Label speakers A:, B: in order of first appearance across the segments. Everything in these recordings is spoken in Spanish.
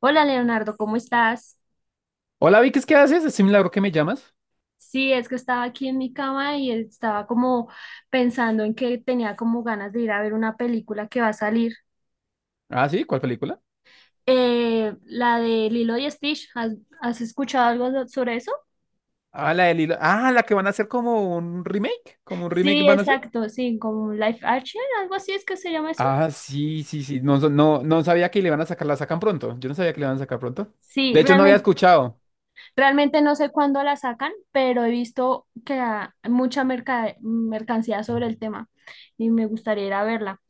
A: Hola Leonardo, ¿cómo estás?
B: Hola Vicky, ¿qué haces? Es un milagro que me llamas.
A: Sí, es que estaba aquí en mi cama y estaba como pensando en que tenía como ganas de ir a ver una película que va a salir.
B: Ah, sí, ¿cuál película?
A: La de Lilo y Stitch, ¿ has escuchado algo sobre eso?
B: Ah, la del hilo. Ah, la que van a hacer como un remake. Como un remake
A: Sí,
B: van a hacer.
A: exacto, sí, como Life Action, algo así es que se llama eso.
B: Ah, sí, sí, sí. No, no, no sabía que le iban a sacar, la sacan pronto. Yo no sabía que le iban a sacar pronto.
A: Sí,
B: De hecho, no había escuchado.
A: realmente no sé cuándo la sacan, pero he visto que hay mucha mercancía sobre el tema y me gustaría ir a verla.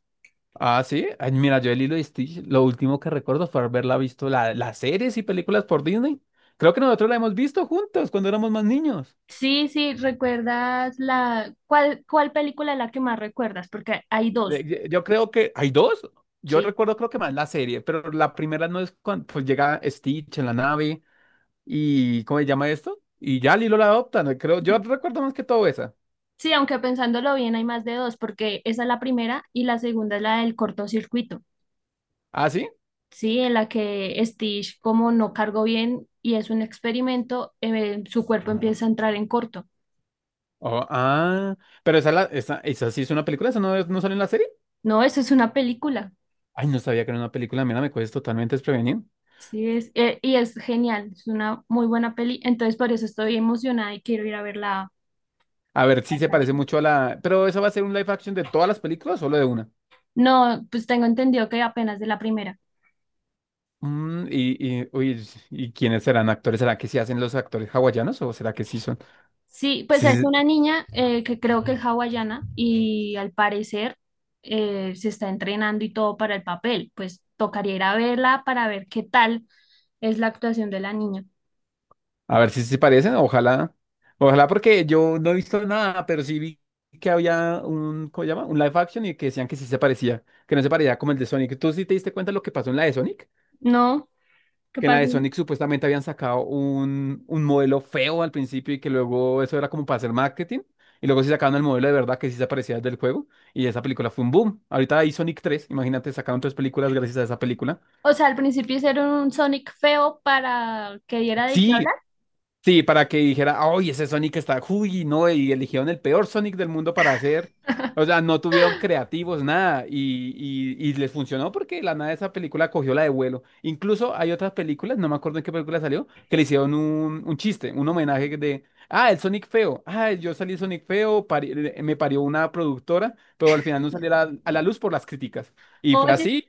B: Ah, sí. Ay, mira, yo el hilo de Stitch, lo último que recuerdo fue haberla visto las series y películas por Disney. Creo que nosotros la hemos visto juntos cuando éramos más niños.
A: Sí, sí, ¿recuerdas la cuál película es la que más recuerdas? Porque hay 2,
B: Yo creo que hay dos. Yo
A: sí.
B: recuerdo creo que más la serie, pero la primera no es cuando pues, llega Stitch en la nave. ¿Y cómo se llama esto? Y ya Lilo la adopta, no creo. Yo recuerdo más que todo esa.
A: Sí, aunque pensándolo bien hay más de 2, porque esa es la primera y la segunda es la del cortocircuito.
B: ¿Ah, sí?
A: Sí, en la que Stitch como no cargó bien y es un experimento, su cuerpo empieza a entrar en corto.
B: Oh, ah, pero esa sí es una película, esa no, no sale en la serie.
A: No, eso es una película.
B: Ay, no sabía que era una película, mira, me coges totalmente desprevenido.
A: Sí, es y es genial, es una muy buena peli, entonces por eso estoy emocionada y quiero ir a verla.
B: A ver, sí se parece mucho a la. Pero ¿esa va a ser un live action de todas las películas o solo de una?
A: No, pues tengo entendido que apenas de la primera.
B: Uy, ¿y quiénes serán actores? ¿Será que sí hacen los actores hawaianos o será que sí son?
A: Sí, pues es
B: Sí.
A: una niña que creo que es hawaiana y al parecer se está entrenando y todo para el papel. Pues tocaría ir a verla para ver qué tal es la actuación de la niña.
B: A ver si se parecen, ojalá. Ojalá porque yo no he visto nada, pero sí vi que había un, ¿cómo se llama? Un live action y que decían que sí se parecía, que no se parecía como el de Sonic. ¿Tú sí te diste cuenta de lo que pasó en la de Sonic?
A: ¿No? ¿Qué
B: Que en la
A: pasó?
B: de Sonic supuestamente habían sacado un modelo feo al principio y que luego eso era como para hacer marketing. Y luego sí sacaron el modelo de verdad que sí se parecía al del juego. Y esa película fue un boom. Ahorita hay Sonic 3, imagínate, sacaron tres películas gracias a esa película.
A: O sea, al principio hicieron un Sonic feo para que diera de qué hablar.
B: Sí. Sí, para que dijera, ¡ay, ese Sonic está, uy, no! Y eligieron el peor Sonic del mundo para hacer. O sea, no tuvieron creativos, nada. Y les funcionó porque de la nada esa película cogió la de vuelo. Incluso hay otras películas, no me acuerdo en qué película salió, que le hicieron un chiste, un homenaje de, ah, el Sonic feo. Ah, yo salí Sonic feo, me parió una productora, pero al final no salió a la luz por las críticas. Y fue
A: Oye,
B: así.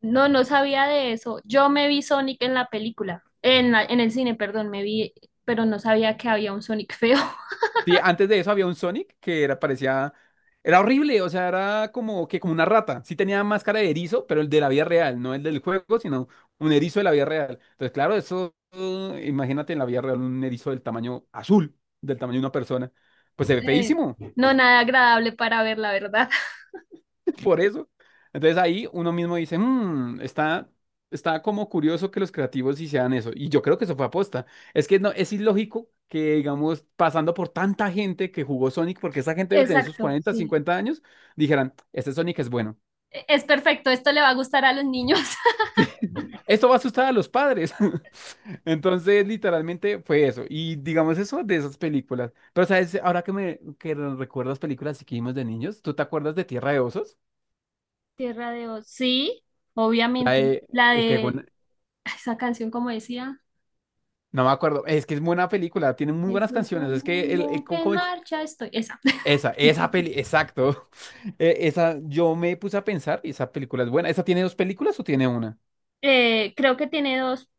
A: no, no sabía de eso. Yo me vi Sonic en la película, en en el cine, perdón, me vi, pero no sabía que había un Sonic feo.
B: Sí, antes de eso había un Sonic que era, parecía, era horrible, o sea, era como que como una rata. Sí tenía máscara de erizo, pero el de la vida real, no el del juego, sino un erizo de la vida real. Entonces, claro, eso, imagínate en la vida real un erizo del tamaño azul, del tamaño de una persona. Pues se ve
A: Eh,
B: feísimo.
A: no, nada agradable para ver, la verdad.
B: Por eso. Entonces ahí uno mismo dice, "Mm, está como curioso que los creativos hicieran eso. Y yo creo que eso fue aposta. Es que no, es ilógico que, digamos, pasando por tanta gente que jugó Sonic, porque esa gente debe tener sus
A: Exacto,
B: 40
A: sí.
B: 50 años, dijeran, este Sonic es bueno.
A: Es perfecto, esto le va a gustar a los niños.
B: Esto va a asustar a los padres. Entonces, literalmente fue eso. Y digamos eso de esas películas. Pero, ¿sabes? Ahora que me que recuerdas películas que vimos de niños, ¿tú te acuerdas de Tierra de Osos?
A: Tierra de Oz. Sí,
B: La
A: obviamente.
B: de-
A: La
B: que,
A: de
B: bueno.
A: esa canción, como decía,
B: No me acuerdo. Es que es buena película, tiene muy
A: es
B: buenas
A: el
B: canciones. Es que
A: mundo
B: ¿cómo-
A: que en
B: cómo es?
A: marcha estoy. Esa.
B: Esa peli, exacto. Esa, yo me puse a pensar y esa película es buena. ¿Esa tiene dos películas o tiene una?
A: Creo que tiene 2,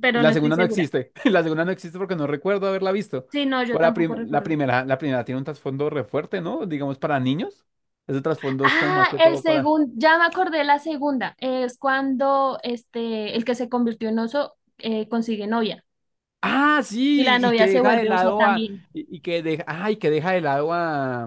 A: pero
B: La
A: no estoy
B: segunda no
A: segura.
B: existe. La segunda no existe porque no recuerdo haberla visto.
A: Sí, no, yo
B: O la,
A: tampoco
B: prim-
A: recuerdo.
B: la primera tiene un trasfondo re fuerte, ¿no? Digamos para niños. Ese trasfondo es como más
A: Ah,
B: que
A: el
B: todo para.
A: segundo, ya me acordé la segunda. Es cuando este, el que se convirtió en oso consigue novia
B: Ah,
A: y
B: sí,
A: la
B: y que
A: novia se
B: deja de
A: vuelve oso
B: lado a,
A: también.
B: y que deja de lado a,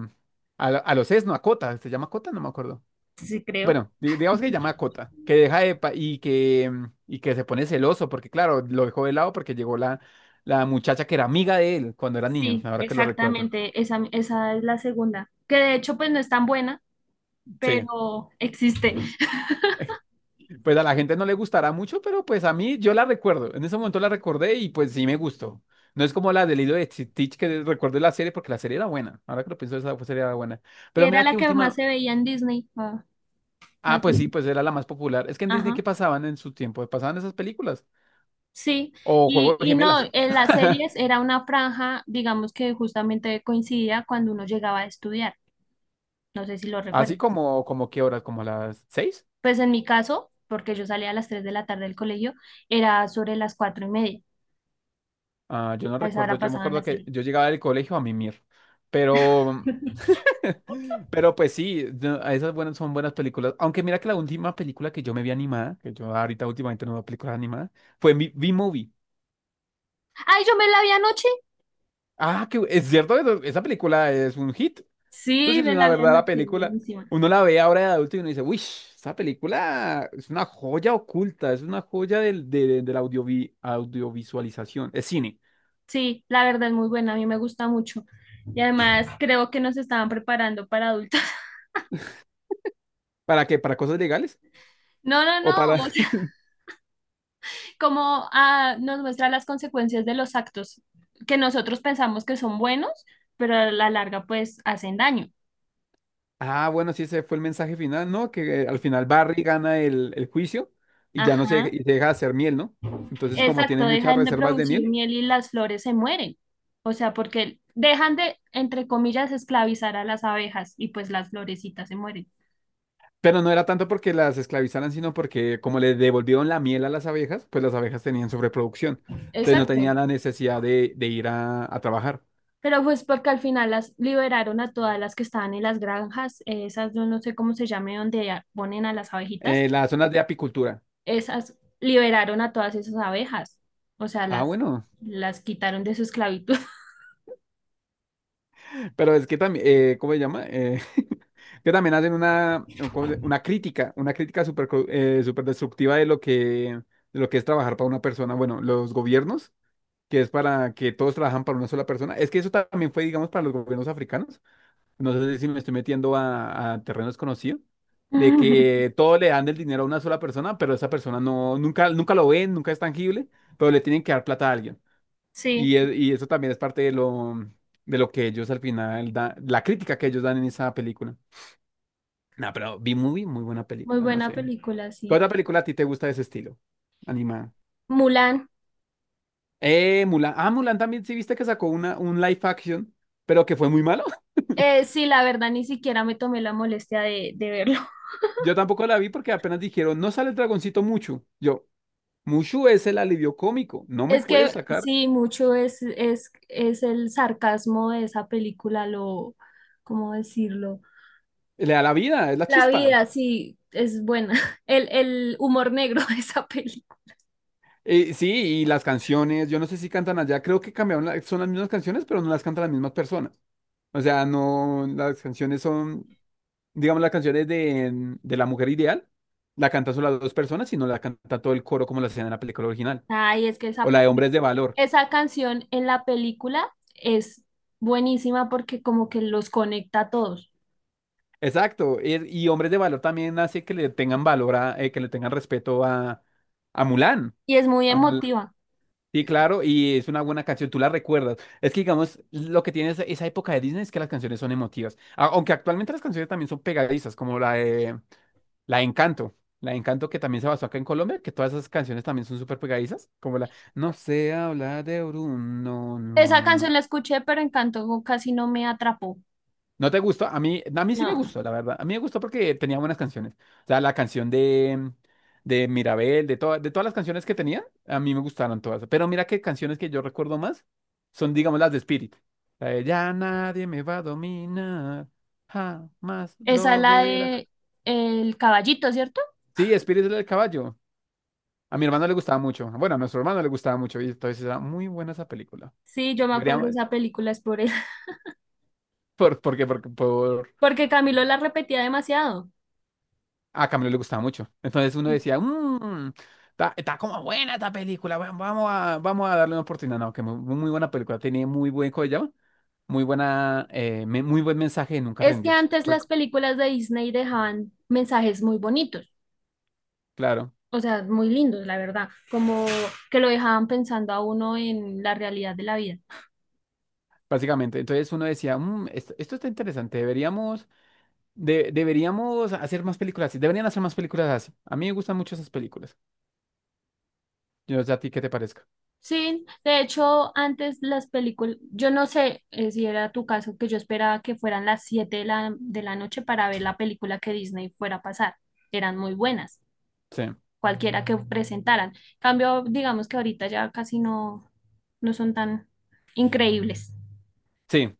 B: a los Esno, a Cota. ¿Se llama Cota? No me acuerdo.
A: Sí, creo.
B: Bueno, digamos que llama a Cota, que deja de y que, y que se pone celoso, porque claro, lo dejó de lado porque llegó la muchacha que era amiga de él cuando eran niños,
A: Sí,
B: ahora que lo recuerdo.
A: exactamente, esa es la segunda, que de hecho pues no es tan buena,
B: Sí,
A: pero existe.
B: pues a la gente no le gustará mucho, pero pues a mí yo la recuerdo. En ese momento la recordé y pues sí me gustó. No es como la del hilo de Stitch que recuerdo la serie, porque la serie era buena. Ahora que lo pienso, esa serie era buena.
A: Y
B: Pero
A: era
B: mira
A: la
B: que
A: que más
B: última.
A: se veía en Disney.
B: Ah,
A: La-
B: pues sí, pues era la más popular. Es que en Disney, ¿qué
A: ajá,
B: pasaban en su tiempo? Pasaban esas películas.
A: sí,
B: O Juego de
A: y no,
B: Gemelas.
A: en las series era una franja, digamos que justamente coincidía cuando uno llegaba a estudiar, no sé si lo
B: Así
A: recuerdas.
B: como, como qué horas, como a las 6.
A: Pues en mi caso, porque yo salía a las 3 de la tarde del colegio, era sobre las 4 y media,
B: Ah, yo no
A: a esa
B: recuerdo,
A: hora
B: yo me
A: pasaban la
B: acuerdo que
A: serie.
B: yo llegaba del colegio a mimir. Pero, pero pues sí, no, esas buenas son buenas películas. Aunque mira que la última película que yo me vi animada, que yo ahorita últimamente no veo películas animadas, fue mi B-Movie.
A: ¡Ay, yo me la vi anoche!
B: Ah, que es cierto, esa película es un hit. Eso sí
A: Sí,
B: es
A: me
B: una
A: la vi
B: verdadera
A: anoche,
B: película.
A: buenísima.
B: Uno la ve ahora de adulto y uno dice, uy, esa película es una joya oculta, es una joya de la audiovisualización, es cine.
A: Sí, la verdad es muy buena, a mí me gusta mucho. Y además creo que nos estaban preparando para adultos.
B: ¿Para qué? ¿Para cosas legales?
A: No, no,
B: ¿O
A: no,
B: para...?
A: o sea, como ah, nos muestra las consecuencias de los actos que nosotros pensamos que son buenos, pero a la larga pues hacen daño.
B: Ah, bueno, sí, ese fue el mensaje final, ¿no? Que al final Barry gana el juicio y ya no se,
A: Ajá,
B: y se deja de hacer miel, ¿no? Entonces, como tiene
A: exacto,
B: muchas
A: dejan de
B: reservas de
A: producir
B: miel,
A: miel y las flores se mueren. O sea, porque dejan de, entre comillas, esclavizar a las abejas y pues las florecitas se mueren.
B: pero no era tanto porque las esclavizaran, sino porque como le devolvieron la miel a las abejas, pues las abejas tenían sobreproducción. Entonces no
A: Exacto.
B: tenían la necesidad de ir a trabajar.
A: Pero pues porque al final las liberaron a todas las que estaban en las granjas, esas yo no sé cómo se llame, donde ponen a las abejitas,
B: Las zonas de apicultura.
A: esas liberaron a todas esas abejas, o sea,
B: Ah,
A: las,
B: bueno.
A: las quitaron de su esclavitud.
B: Pero es que también, ¿cómo se llama? Que también hacen una, ¿cómo una crítica súper destructiva de lo que es trabajar para una persona. Bueno, los gobiernos, que es para que todos trabajan para una sola persona. Es que eso también fue, digamos, para los gobiernos africanos. No sé si me estoy metiendo a terreno desconocido, de que todo le dan el dinero a una sola persona, pero esa persona no, nunca, nunca lo ven, nunca es tangible, pero le tienen que dar plata a alguien.
A: Sí,
B: Y eso también es parte de lo que ellos al final dan, la crítica que ellos dan en esa película. No, pero B-Movie, muy buena
A: muy
B: película, no
A: buena
B: sé.
A: película,
B: ¿Qué
A: sí.
B: otra película a ti te gusta de ese estilo? Animada.
A: Mulan,
B: Mulan. Ah, Mulan también, sí viste que sacó un live action, pero que fue muy malo.
A: sí, la verdad ni siquiera me tomé la molestia de verlo.
B: Yo tampoco la vi porque apenas dijeron, no sale el dragoncito Mushu. Yo, Mushu es el alivio cómico, no me
A: Es
B: puedes
A: que
B: sacar.
A: sí, mucho es el sarcasmo de esa película, lo, ¿cómo decirlo?
B: Le da la vida, es la
A: La
B: chispa.
A: vida, sí, es buena. El humor negro de esa película.
B: Sí, y las canciones, yo no sé si cantan allá, creo que cambiaron, son las mismas canciones, pero no las cantan las mismas personas. O sea, no, las canciones son, digamos, las canciones de La Mujer Ideal, la cantan solo las dos personas, sino la canta todo el coro como la hacían en la película original.
A: Ay, es que
B: O
A: esa
B: la de Hombres de Valor.
A: esa canción en la película es buenísima porque como que los conecta a todos
B: Exacto. Y Hombres de Valor también hace que le tengan valor a, que le tengan respeto a, Mulan.
A: y es muy
B: A Mul-
A: emotiva.
B: Sí, claro, y es una buena canción, tú la recuerdas. Es que, digamos, lo que tiene esa, esa época de Disney es que las canciones son emotivas. Aunque actualmente las canciones también son pegadizas, como La de Encanto. La de Encanto que también se basó acá en Colombia, que todas esas canciones también son súper pegadizas, como la. No sé hablar de Orun, no,
A: Esa
B: no, no.
A: canción la escuché, pero Encanto casi no me atrapó.
B: ¿No te gustó? A mí sí me
A: No,
B: gustó, la verdad. A mí me gustó porque tenía buenas canciones. O sea, la canción de Mirabel, de todas las canciones que tenía, a mí me gustaron todas. Pero mira que canciones que yo recuerdo más son, digamos, las de Spirit. La de, ya nadie me va a dominar, jamás
A: esa es
B: lo
A: la
B: verás.
A: de El Caballito, ¿cierto?
B: Sí, Spirit es el del caballo. A mi hermano le gustaba mucho. Bueno, a nuestro hermano le gustaba mucho. Y entonces era muy buena esa película.
A: Sí, yo me acuerdo de
B: Deberíamos.
A: esa película, es por él,
B: Porque por.
A: porque Camilo la repetía demasiado.
B: A Camilo le gustaba mucho. Entonces uno decía, está como buena esta película. Vamos a, darle una oportunidad. No, que muy, muy buena película. Tenía muy buen, ¿cómo se llama? Muy buena, muy buen mensaje de nunca
A: Es que
B: rendirse.
A: antes
B: Porque,
A: las películas de Disney dejaban mensajes muy bonitos.
B: claro,
A: O sea, muy lindos, la verdad, como que lo dejaban pensando a uno en la realidad de la vida.
B: básicamente. Entonces uno decía, esto está interesante. Deberíamos hacer más películas así. Deberían hacer más películas así. A mí me gustan mucho esas películas. Yo no sé a ti qué te parezca.
A: Sí, de hecho, antes las películas, yo no sé si era tu caso, que yo esperaba que fueran las 7 de de la noche para ver la película que Disney fuera a pasar. Eran muy buenas,
B: Sí.
A: cualquiera que presentaran. Cambio, digamos que ahorita ya casi no son tan increíbles.
B: Sí,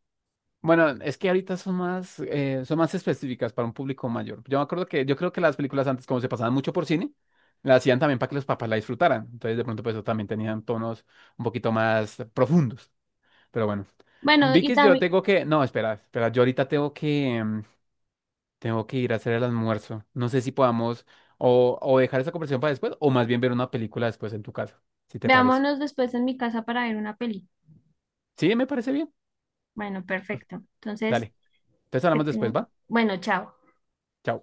B: bueno, es que ahorita son más específicas para un público mayor. Yo me acuerdo que, yo creo que las películas antes, como se pasaban mucho por cine, las hacían también para que los papás la disfrutaran. Entonces, de pronto, pues, eso también tenían tonos un poquito más profundos. Pero bueno,
A: Bueno, y
B: Vicky, yo
A: también,
B: tengo que, no, espera, espera, yo ahorita tengo que ir a hacer el almuerzo. No sé si podamos o dejar esa conversación para después, o más bien ver una película después en tu casa, si te parece.
A: veámonos después en mi casa para ver una peli.
B: Sí, me parece bien.
A: Bueno, perfecto. Entonces,
B: Dale, entonces
A: que
B: hablamos después, ¿va?
A: bueno, chao.
B: Chao.